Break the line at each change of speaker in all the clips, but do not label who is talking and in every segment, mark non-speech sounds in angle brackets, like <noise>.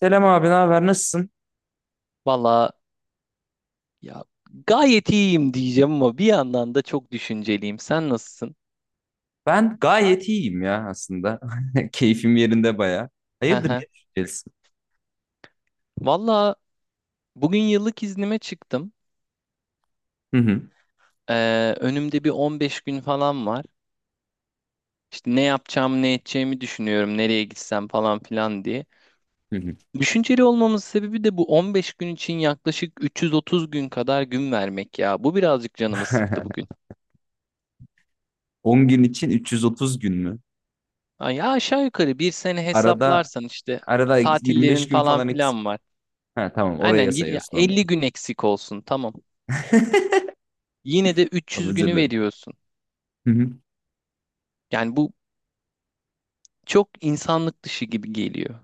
Selam abi, ne haber? Nasılsın?
Valla ya gayet iyiyim diyeceğim ama bir yandan da çok düşünceliyim. Sen nasılsın?
Ben gayet iyiyim ya aslında. <laughs> Keyfim yerinde baya.
Hı
Hayırdır ne
hı.
düşüneceksin?
Valla bugün yıllık iznime çıktım.
Hı hı.
Önümde bir 15 gün falan var. İşte ne yapacağım, ne edeceğimi düşünüyorum, nereye gitsem falan filan diye.
Hı hı.
Düşünceli olmamın sebebi de bu 15 gün için yaklaşık 330 gün kadar gün vermek ya. Bu birazcık canımı sıktı bugün.
<laughs> 10 gün için 330 gün mü?
Ay, ya aşağı yukarı bir sene
Arada
hesaplarsan işte
arada
tatillerin
25 gün
falan
falan eksik.
filan var.
Ha tamam
Aynen
oraya
ya
sayıyorsun onları.
50 gün eksik olsun tamam.
<laughs>
Yine de
Tamam,
300
özür
günü
dilerim.
veriyorsun.
Hı hı.
Yani bu çok insanlık dışı gibi geliyor.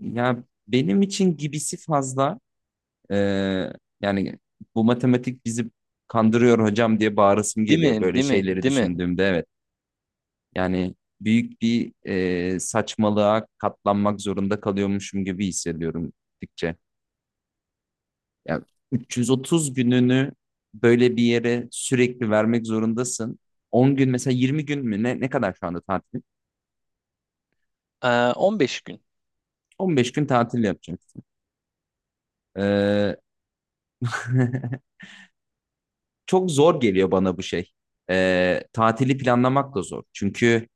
Ya benim için gibisi fazla. Ee, Yani bu matematik bizi kandırıyor hocam diye bağırasım
Değil
geliyor
mi?
böyle
Değil mi?
şeyleri
Değil mi?
düşündüğümde. Evet. Yani büyük bir saçmalığa katlanmak zorunda kalıyormuşum gibi hissediyorum gittikçe. Yani 330 gününü böyle bir yere sürekli vermek zorundasın. 10 gün mesela 20 gün mü ne kadar şu anda tatil?
Ee, 15 gün.
15 gün tatil yapacaksın. Ee, <laughs> Çok zor geliyor bana bu şey. Tatili planlamak da zor. Çünkü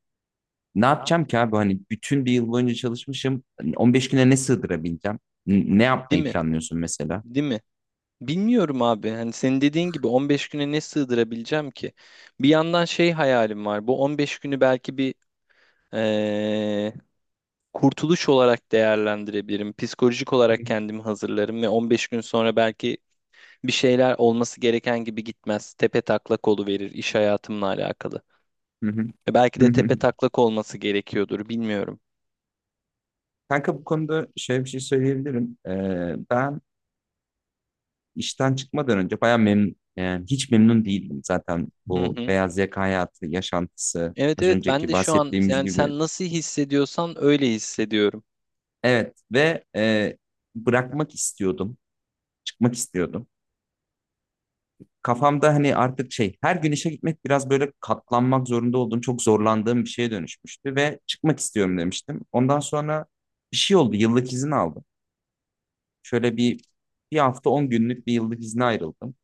ne yapacağım ki abi? Hani bütün bir yıl boyunca çalışmışım. Hani 15 güne ne sığdırabileceğim? Ne
Değil
yapmayı
mi?
planlıyorsun mesela?
Değil mi? Bilmiyorum abi. Hani senin dediğin gibi 15 güne ne sığdırabileceğim ki? Bir yandan şey hayalim var. Bu 15 günü belki bir ee, kurtuluş olarak değerlendirebilirim. Psikolojik olarak kendimi hazırlarım ve 15 gün sonra belki bir şeyler olması gereken gibi gitmez. Tepe taklak verir iş hayatımla alakalı.
Hı hı.
Belki
Hı
de
hı.
tepe taklak olması gerekiyordur, bilmiyorum.
Kanka bu konuda şöyle bir şey söyleyebilirim. Ben işten çıkmadan önce bayağı memnun, yani hiç memnun değildim zaten
Hı
bu
hı.
beyaz yaka hayatı, yaşantısı,
Evet
az
evet, ben
önceki
de şu an
bahsettiğimiz
yani
gibi.
sen nasıl hissediyorsan öyle hissediyorum.
Evet ve bırakmak istiyordum, çıkmak istiyordum. Kafamda hani artık şey, her gün işe gitmek biraz böyle katlanmak zorunda olduğum, çok zorlandığım bir şeye dönüşmüştü ve çıkmak istiyorum demiştim. Ondan sonra bir şey oldu, yıllık izin aldım. Şöyle bir bir hafta 10 günlük bir yıllık izne ayrıldım.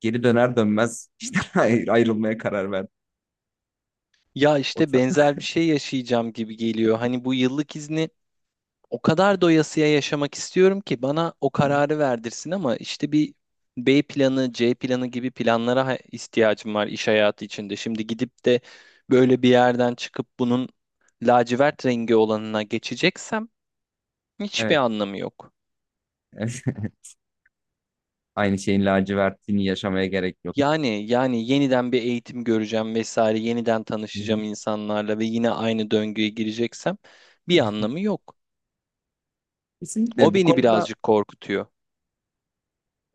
Geri döner dönmez işte <laughs> ayrılmaya karar verdim.
Ya
O
işte
ta-
benzer bir şey yaşayacağım gibi geliyor. Hani bu yıllık izni o kadar doyasıya yaşamak istiyorum ki bana o kararı
<laughs>
verdirsin ama işte bir B planı, C planı gibi planlara ihtiyacım var iş hayatı içinde. Şimdi gidip de böyle bir yerden çıkıp bunun lacivert rengi olanına geçeceksem hiçbir
Evet.
anlamı yok.
Evet. <laughs> Aynı şeyin lacivertliğini yaşamaya gerek yok.
Yani yeniden bir eğitim göreceğim vesaire, yeniden
Hı hı.
tanışacağım insanlarla ve yine aynı döngüye gireceksem bir anlamı yok.
Kesinlikle
O
bu
beni
konuda
birazcık korkutuyor.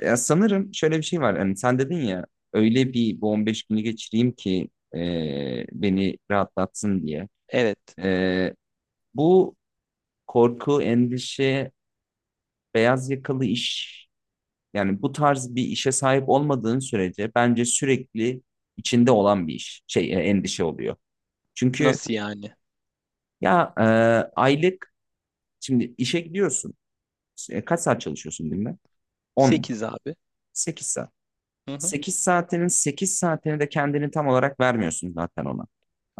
ya sanırım şöyle bir şey var. Hani sen dedin ya öyle bir bu 15 günü geçireyim ki beni rahatlatsın diye.
Evet.
E, Bu korku, endişe, beyaz yakalı iş yani bu tarz bir işe sahip olmadığın sürece bence sürekli içinde olan bir iş, şey endişe oluyor. Çünkü
Nasıl yani?
ya aylık şimdi işe gidiyorsun. Kaç saat çalışıyorsun günde? 10,
8 abi.
8 saat.
Hı hı.
8 saatinin 8 saatini de kendini tam olarak vermiyorsun zaten ona.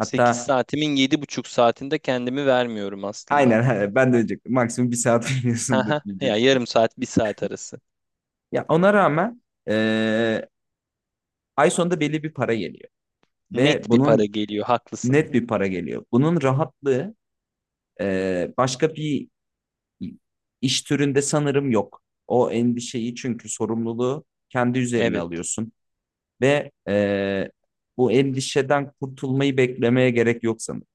8 saatimin 7,5 saatinde kendimi vermiyorum aslında.
aynen <laughs> ben de diyecektim. Maksimum bir saat <laughs> veriyorsundur
Haha.
diyecek.
Ya yarım saat, bir saat arası.
Ya ona rağmen e, ay sonunda belli bir para geliyor ve
Net bir para
bunun
geliyor, haklısın.
net bir para geliyor. Bunun rahatlığı başka bir iş türünde sanırım yok. O endişeyi çünkü sorumluluğu kendi üzerine
Evet,
alıyorsun ve bu endişeden kurtulmayı beklemeye gerek yok sanırım.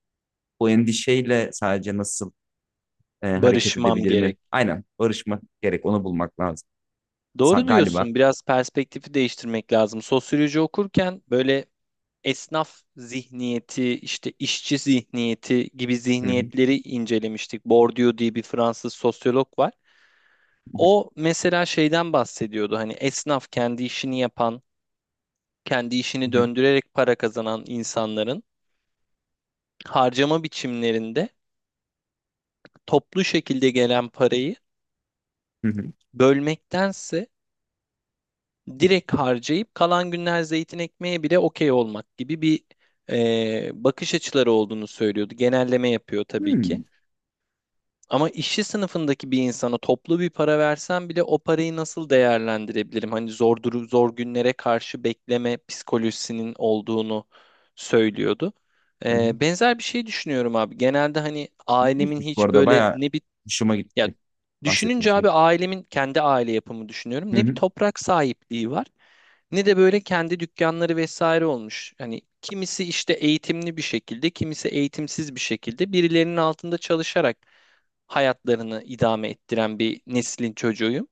Bu endişeyle sadece nasıl hareket
barışmam
edebilir
gerek.
mi? Aynen barışmak gerek, onu bulmak lazım
Doğru
galiba.
diyorsun. Biraz perspektifi değiştirmek lazım. Sosyoloji okurken böyle esnaf zihniyeti, işte işçi zihniyeti gibi
Hı hı,
zihniyetleri incelemiştik. Bourdieu diye bir Fransız sosyolog var. O mesela şeyden bahsediyordu. Hani esnaf kendi işini yapan, kendi
hı
işini
hı,
döndürerek para kazanan insanların harcama biçimlerinde toplu şekilde gelen parayı
hı hı.
bölmektense direkt harcayıp kalan günler zeytin ekmeğe bile okey olmak gibi bir bakış açıları olduğunu söylüyordu. Genelleme yapıyor tabii ki.
Hmm,
Ama işçi sınıfındaki bir insana toplu bir para versem bile o parayı nasıl değerlendirebilirim? Hani zor günlere karşı bekleme psikolojisinin olduğunu söylüyordu.
hı hı.
Benzer bir şey düşünüyorum abi. Genelde hani ailemin
İlginçmiş bu
hiç
arada
böyle
bayağı
ne bir
hoşuma
ya
gitti bahsettiğin
düşününce
şey.
abi ailemin kendi aile yapımı
Hı
düşünüyorum. Ne bir
hı,
toprak sahipliği var ne de böyle kendi dükkanları vesaire olmuş. Hani kimisi işte eğitimli bir şekilde, kimisi eğitimsiz bir şekilde birilerinin altında çalışarak hayatlarını idame ettiren bir neslin çocuğuyum.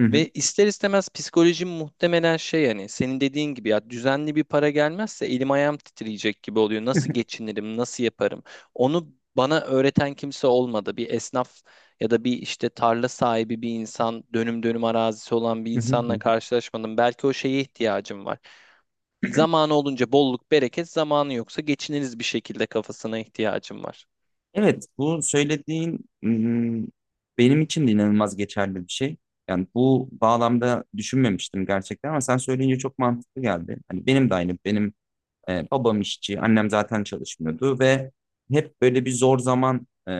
hı hı,
Ve ister istemez psikolojim muhtemelen şey, yani senin dediğin gibi ya düzenli bir para gelmezse elim ayağım titreyecek gibi oluyor.
<laughs> hı
Nasıl geçinirim, nasıl yaparım? Onu bana öğreten kimse olmadı. Bir esnaf ya da bir işte tarla sahibi bir insan, dönüm dönüm arazisi olan bir insanla
hı.
karşılaşmadım. Belki o şeye ihtiyacım var. Zamanı olunca bolluk, bereket, zamanı yoksa geçiniriz bir şekilde kafasına ihtiyacım var.
Evet, bu söylediğin benim için de inanılmaz geçerli bir şey. Yani bu bağlamda düşünmemiştim gerçekten ama sen söyleyince çok mantıklı geldi. Hani benim de aynı, benim babam işçi, annem zaten çalışmıyordu ve hep böyle bir zor zaman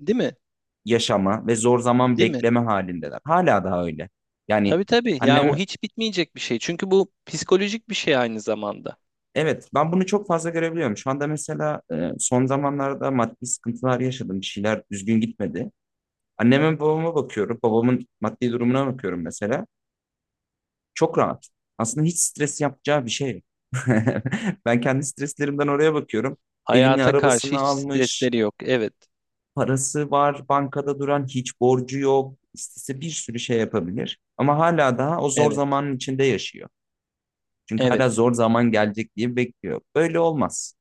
Değil mi?
yaşama ve zor zaman
Değil mi?
bekleme halindeler. Hala daha öyle. Yani
Tabii tabii. Ya o
annem,
hiç bitmeyecek bir şey. Çünkü bu psikolojik bir şey aynı zamanda.
evet ben bunu çok fazla görebiliyorum. Şu anda mesela son zamanlarda maddi sıkıntılar yaşadım, bir şeyler düzgün gitmedi. Anneme babama bakıyorum. Babamın maddi durumuna bakıyorum mesela. Çok rahat. Aslında hiç stres yapacağı bir şey yok. <laughs> Ben kendi streslerimden oraya bakıyorum. Evini,
Hayata karşı
arabasını
hiç
almış,
stresleri yok. Evet,
parası var, bankada duran, hiç borcu yok. İstese bir sürü şey yapabilir. Ama hala daha o zor
evet,
zamanın içinde yaşıyor. Çünkü
evet,
hala zor zaman gelecek diye bekliyor. Böyle olmaz.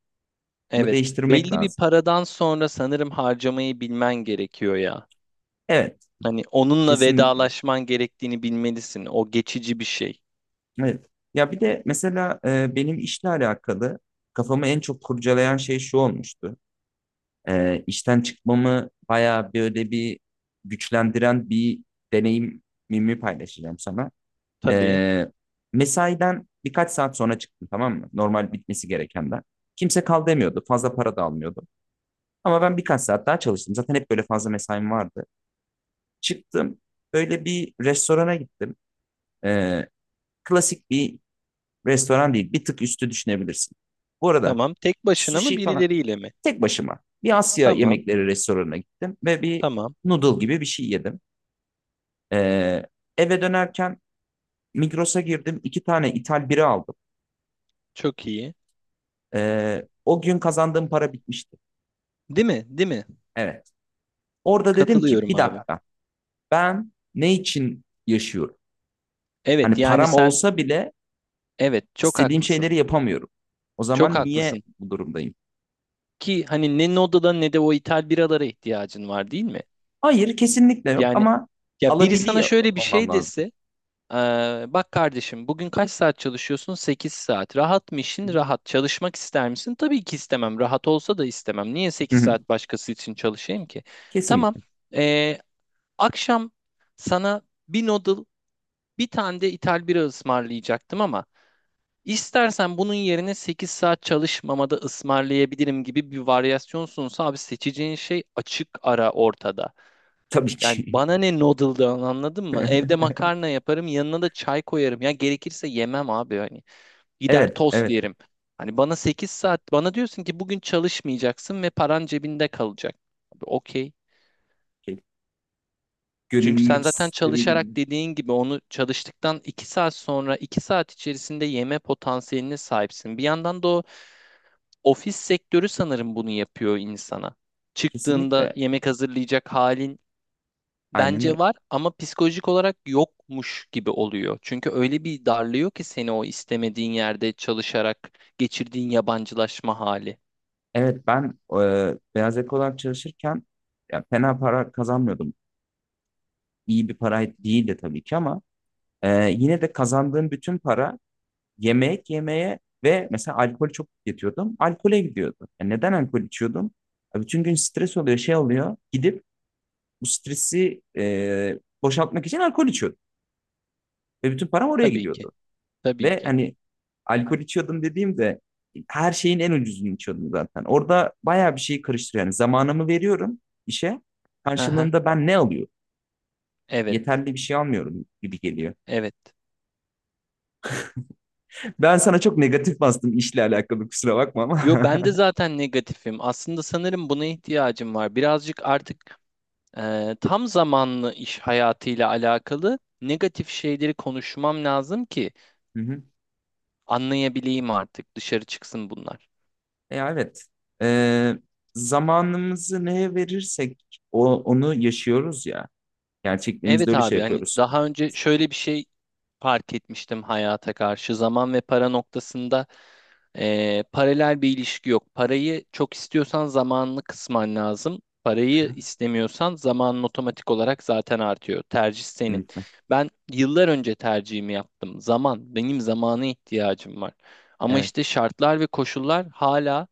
Bunu
evet.
değiştirmek
Belli bir
lazım.
paradan sonra sanırım harcamayı bilmen gerekiyor ya.
Evet,
Hani onunla
kesinlikle.
vedalaşman gerektiğini bilmelisin. O geçici bir şey.
Evet. Ya bir de mesela benim işle alakalı kafamı en çok kurcalayan şey şu olmuştu. E, işten çıkmamı bayağı böyle bir güçlendiren bir deneyimimi paylaşacağım sana.
Tabii.
E, mesaiden birkaç saat sonra çıktım tamam mı? Normal bitmesi gerekenden. Kimse kal demiyordu. Fazla para da almıyordu. Ama ben birkaç saat daha çalıştım. Zaten hep böyle fazla mesaim vardı. Çıktım. Böyle bir restorana gittim. E, klasik bir restoran değil, bir tık üstü düşünebilirsin. Bu arada
Tamam. Tek başına mı
sushi falan
birileriyle mi?
tek başıma bir Asya
Tamam,
yemekleri restoranına gittim ve bir
tamam.
noodle gibi bir şey yedim. Ee, eve dönerken Migros'a girdim, iki tane ithal bira aldım.
Çok iyi.
O gün kazandığım para bitmişti.
Değil mi? Değil mi?
Evet. Orada dedim ki
Katılıyorum
bir
abi.
dakika ben ne için yaşıyorum?
Evet,
Hani
yani
param
sen
olsa bile
evet çok
istediğim
haklısın.
şeyleri yapamıyorum. O
Çok
zaman niye
haklısın.
bu durumdayım?
Ki hani ne Noda'da ne de o ithal biralara ihtiyacın var, değil mi?
Hayır kesinlikle yok
Yani
ama
ya biri sana
alabiliyor
şöyle bir
olmam
şey
lazım.
dese: eee, bak kardeşim, bugün kaç saat çalışıyorsun? 8 saat. Rahat mı
Hı
işin? Rahat. Çalışmak ister misin? Tabii ki istemem. Rahat olsa da istemem. Niye sekiz
hı.
saat başkası için çalışayım ki? Tamam.
Kesinlikle.
Eee, Akşam sana bir noodle, bir tane de ithal bira ısmarlayacaktım ama istersen bunun yerine 8 saat çalışmamada ısmarlayabilirim gibi bir varyasyonsunsa abi seçeceğin şey açık ara ortada.
Tabii
Yani
ki.
bana ne noodle'dan anladın mı? Evde
<laughs>
makarna yaparım, yanına da çay koyarım. Ya gerekirse yemem abi hani. Gider
Evet,
tost
evet.
yerim. Hani bana sekiz saat diyorsun ki bugün çalışmayacaksın ve paran cebinde kalacak. Abi okey.
Şey,
Çünkü sen
gönüllülük
zaten
sistemi gibi.
çalışarak dediğin gibi onu çalıştıktan 2 saat sonra 2 saat içerisinde yeme potansiyeline sahipsin. Bir yandan da o ofis sektörü sanırım bunu yapıyor insana. Çıktığında
Kesinlikle.
yemek hazırlayacak halin
Aynen öyle.
bence var ama psikolojik olarak yokmuş gibi oluyor. Çünkü öyle bir darlıyor ki seni o istemediğin yerde çalışarak geçirdiğin yabancılaşma hali.
Evet ben beyaz yakalı olarak çalışırken ya, fena para kazanmıyordum. İyi bir para değildi tabii ki ama yine de kazandığım bütün para yemek yemeye ve mesela alkol çok tüketiyordum. Alkole gidiyordu. Ya neden alkol içiyordum? Ya bütün gün stres oluyor, şey oluyor. Gidip bu stresi boşaltmak için alkol içiyordum. Ve bütün param oraya
Tabii ki.
gidiyordu.
Tabii
Ve
ki.
hani alkol içiyordum dediğimde her şeyin en ucuzunu içiyordum zaten. Orada bayağı bir şey karıştırıyor. Yani zamanımı veriyorum işe.
Hı hı.
Karşılığında ben ne alıyorum?
Evet.
Yeterli bir şey almıyorum gibi geliyor.
Evet.
Ben sana çok negatif bastım işle alakalı kusura bakma ama.
Yo, ben de zaten negatifim. Aslında sanırım buna ihtiyacım var. Birazcık artık tam zamanlı iş hayatıyla alakalı negatif şeyleri konuşmam lazım ki
<laughs> Hı hı.
anlayabileyim artık. Dışarı çıksın bunlar.
Evet. Ee, zamanımızı neye verirsek onu yaşıyoruz ya. Gerçekliğimizde
Evet
öyle şey
abi, hani
yapıyoruz.
daha önce şöyle bir şey fark etmiştim hayata karşı. Zaman ve para noktasında paralel bir ilişki yok. Parayı çok istiyorsan zamanını kısman lazım.
Hı
Parayı
hı.
istemiyorsan zamanın otomatik olarak zaten artıyor. Tercih senin.
Kesinlikle.
Ben yıllar önce tercihimi yaptım. Zaman, benim zamana ihtiyacım var. Ama
Evet.
işte şartlar ve koşullar hala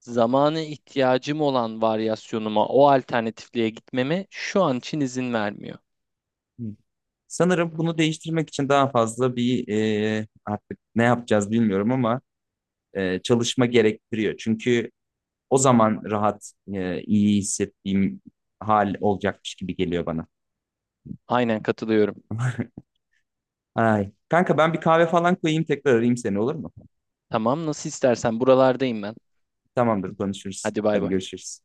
zamanı ihtiyacım olan varyasyonuma, o alternatifliğe gitmeme şu an için izin vermiyor.
Hı. Sanırım bunu değiştirmek için daha fazla bir artık ne yapacağız bilmiyorum ama çalışma gerektiriyor. Çünkü o zaman rahat, iyi hissettiğim hal olacakmış gibi geliyor bana.
Aynen katılıyorum.
Ay. Kanka ben bir kahve falan koyayım tekrar arayayım seni olur mu?
Tamam, nasıl istersen buralardayım ben.
Tamamdır konuşuruz.
Hadi bay
Hadi
bay.
görüşürüz.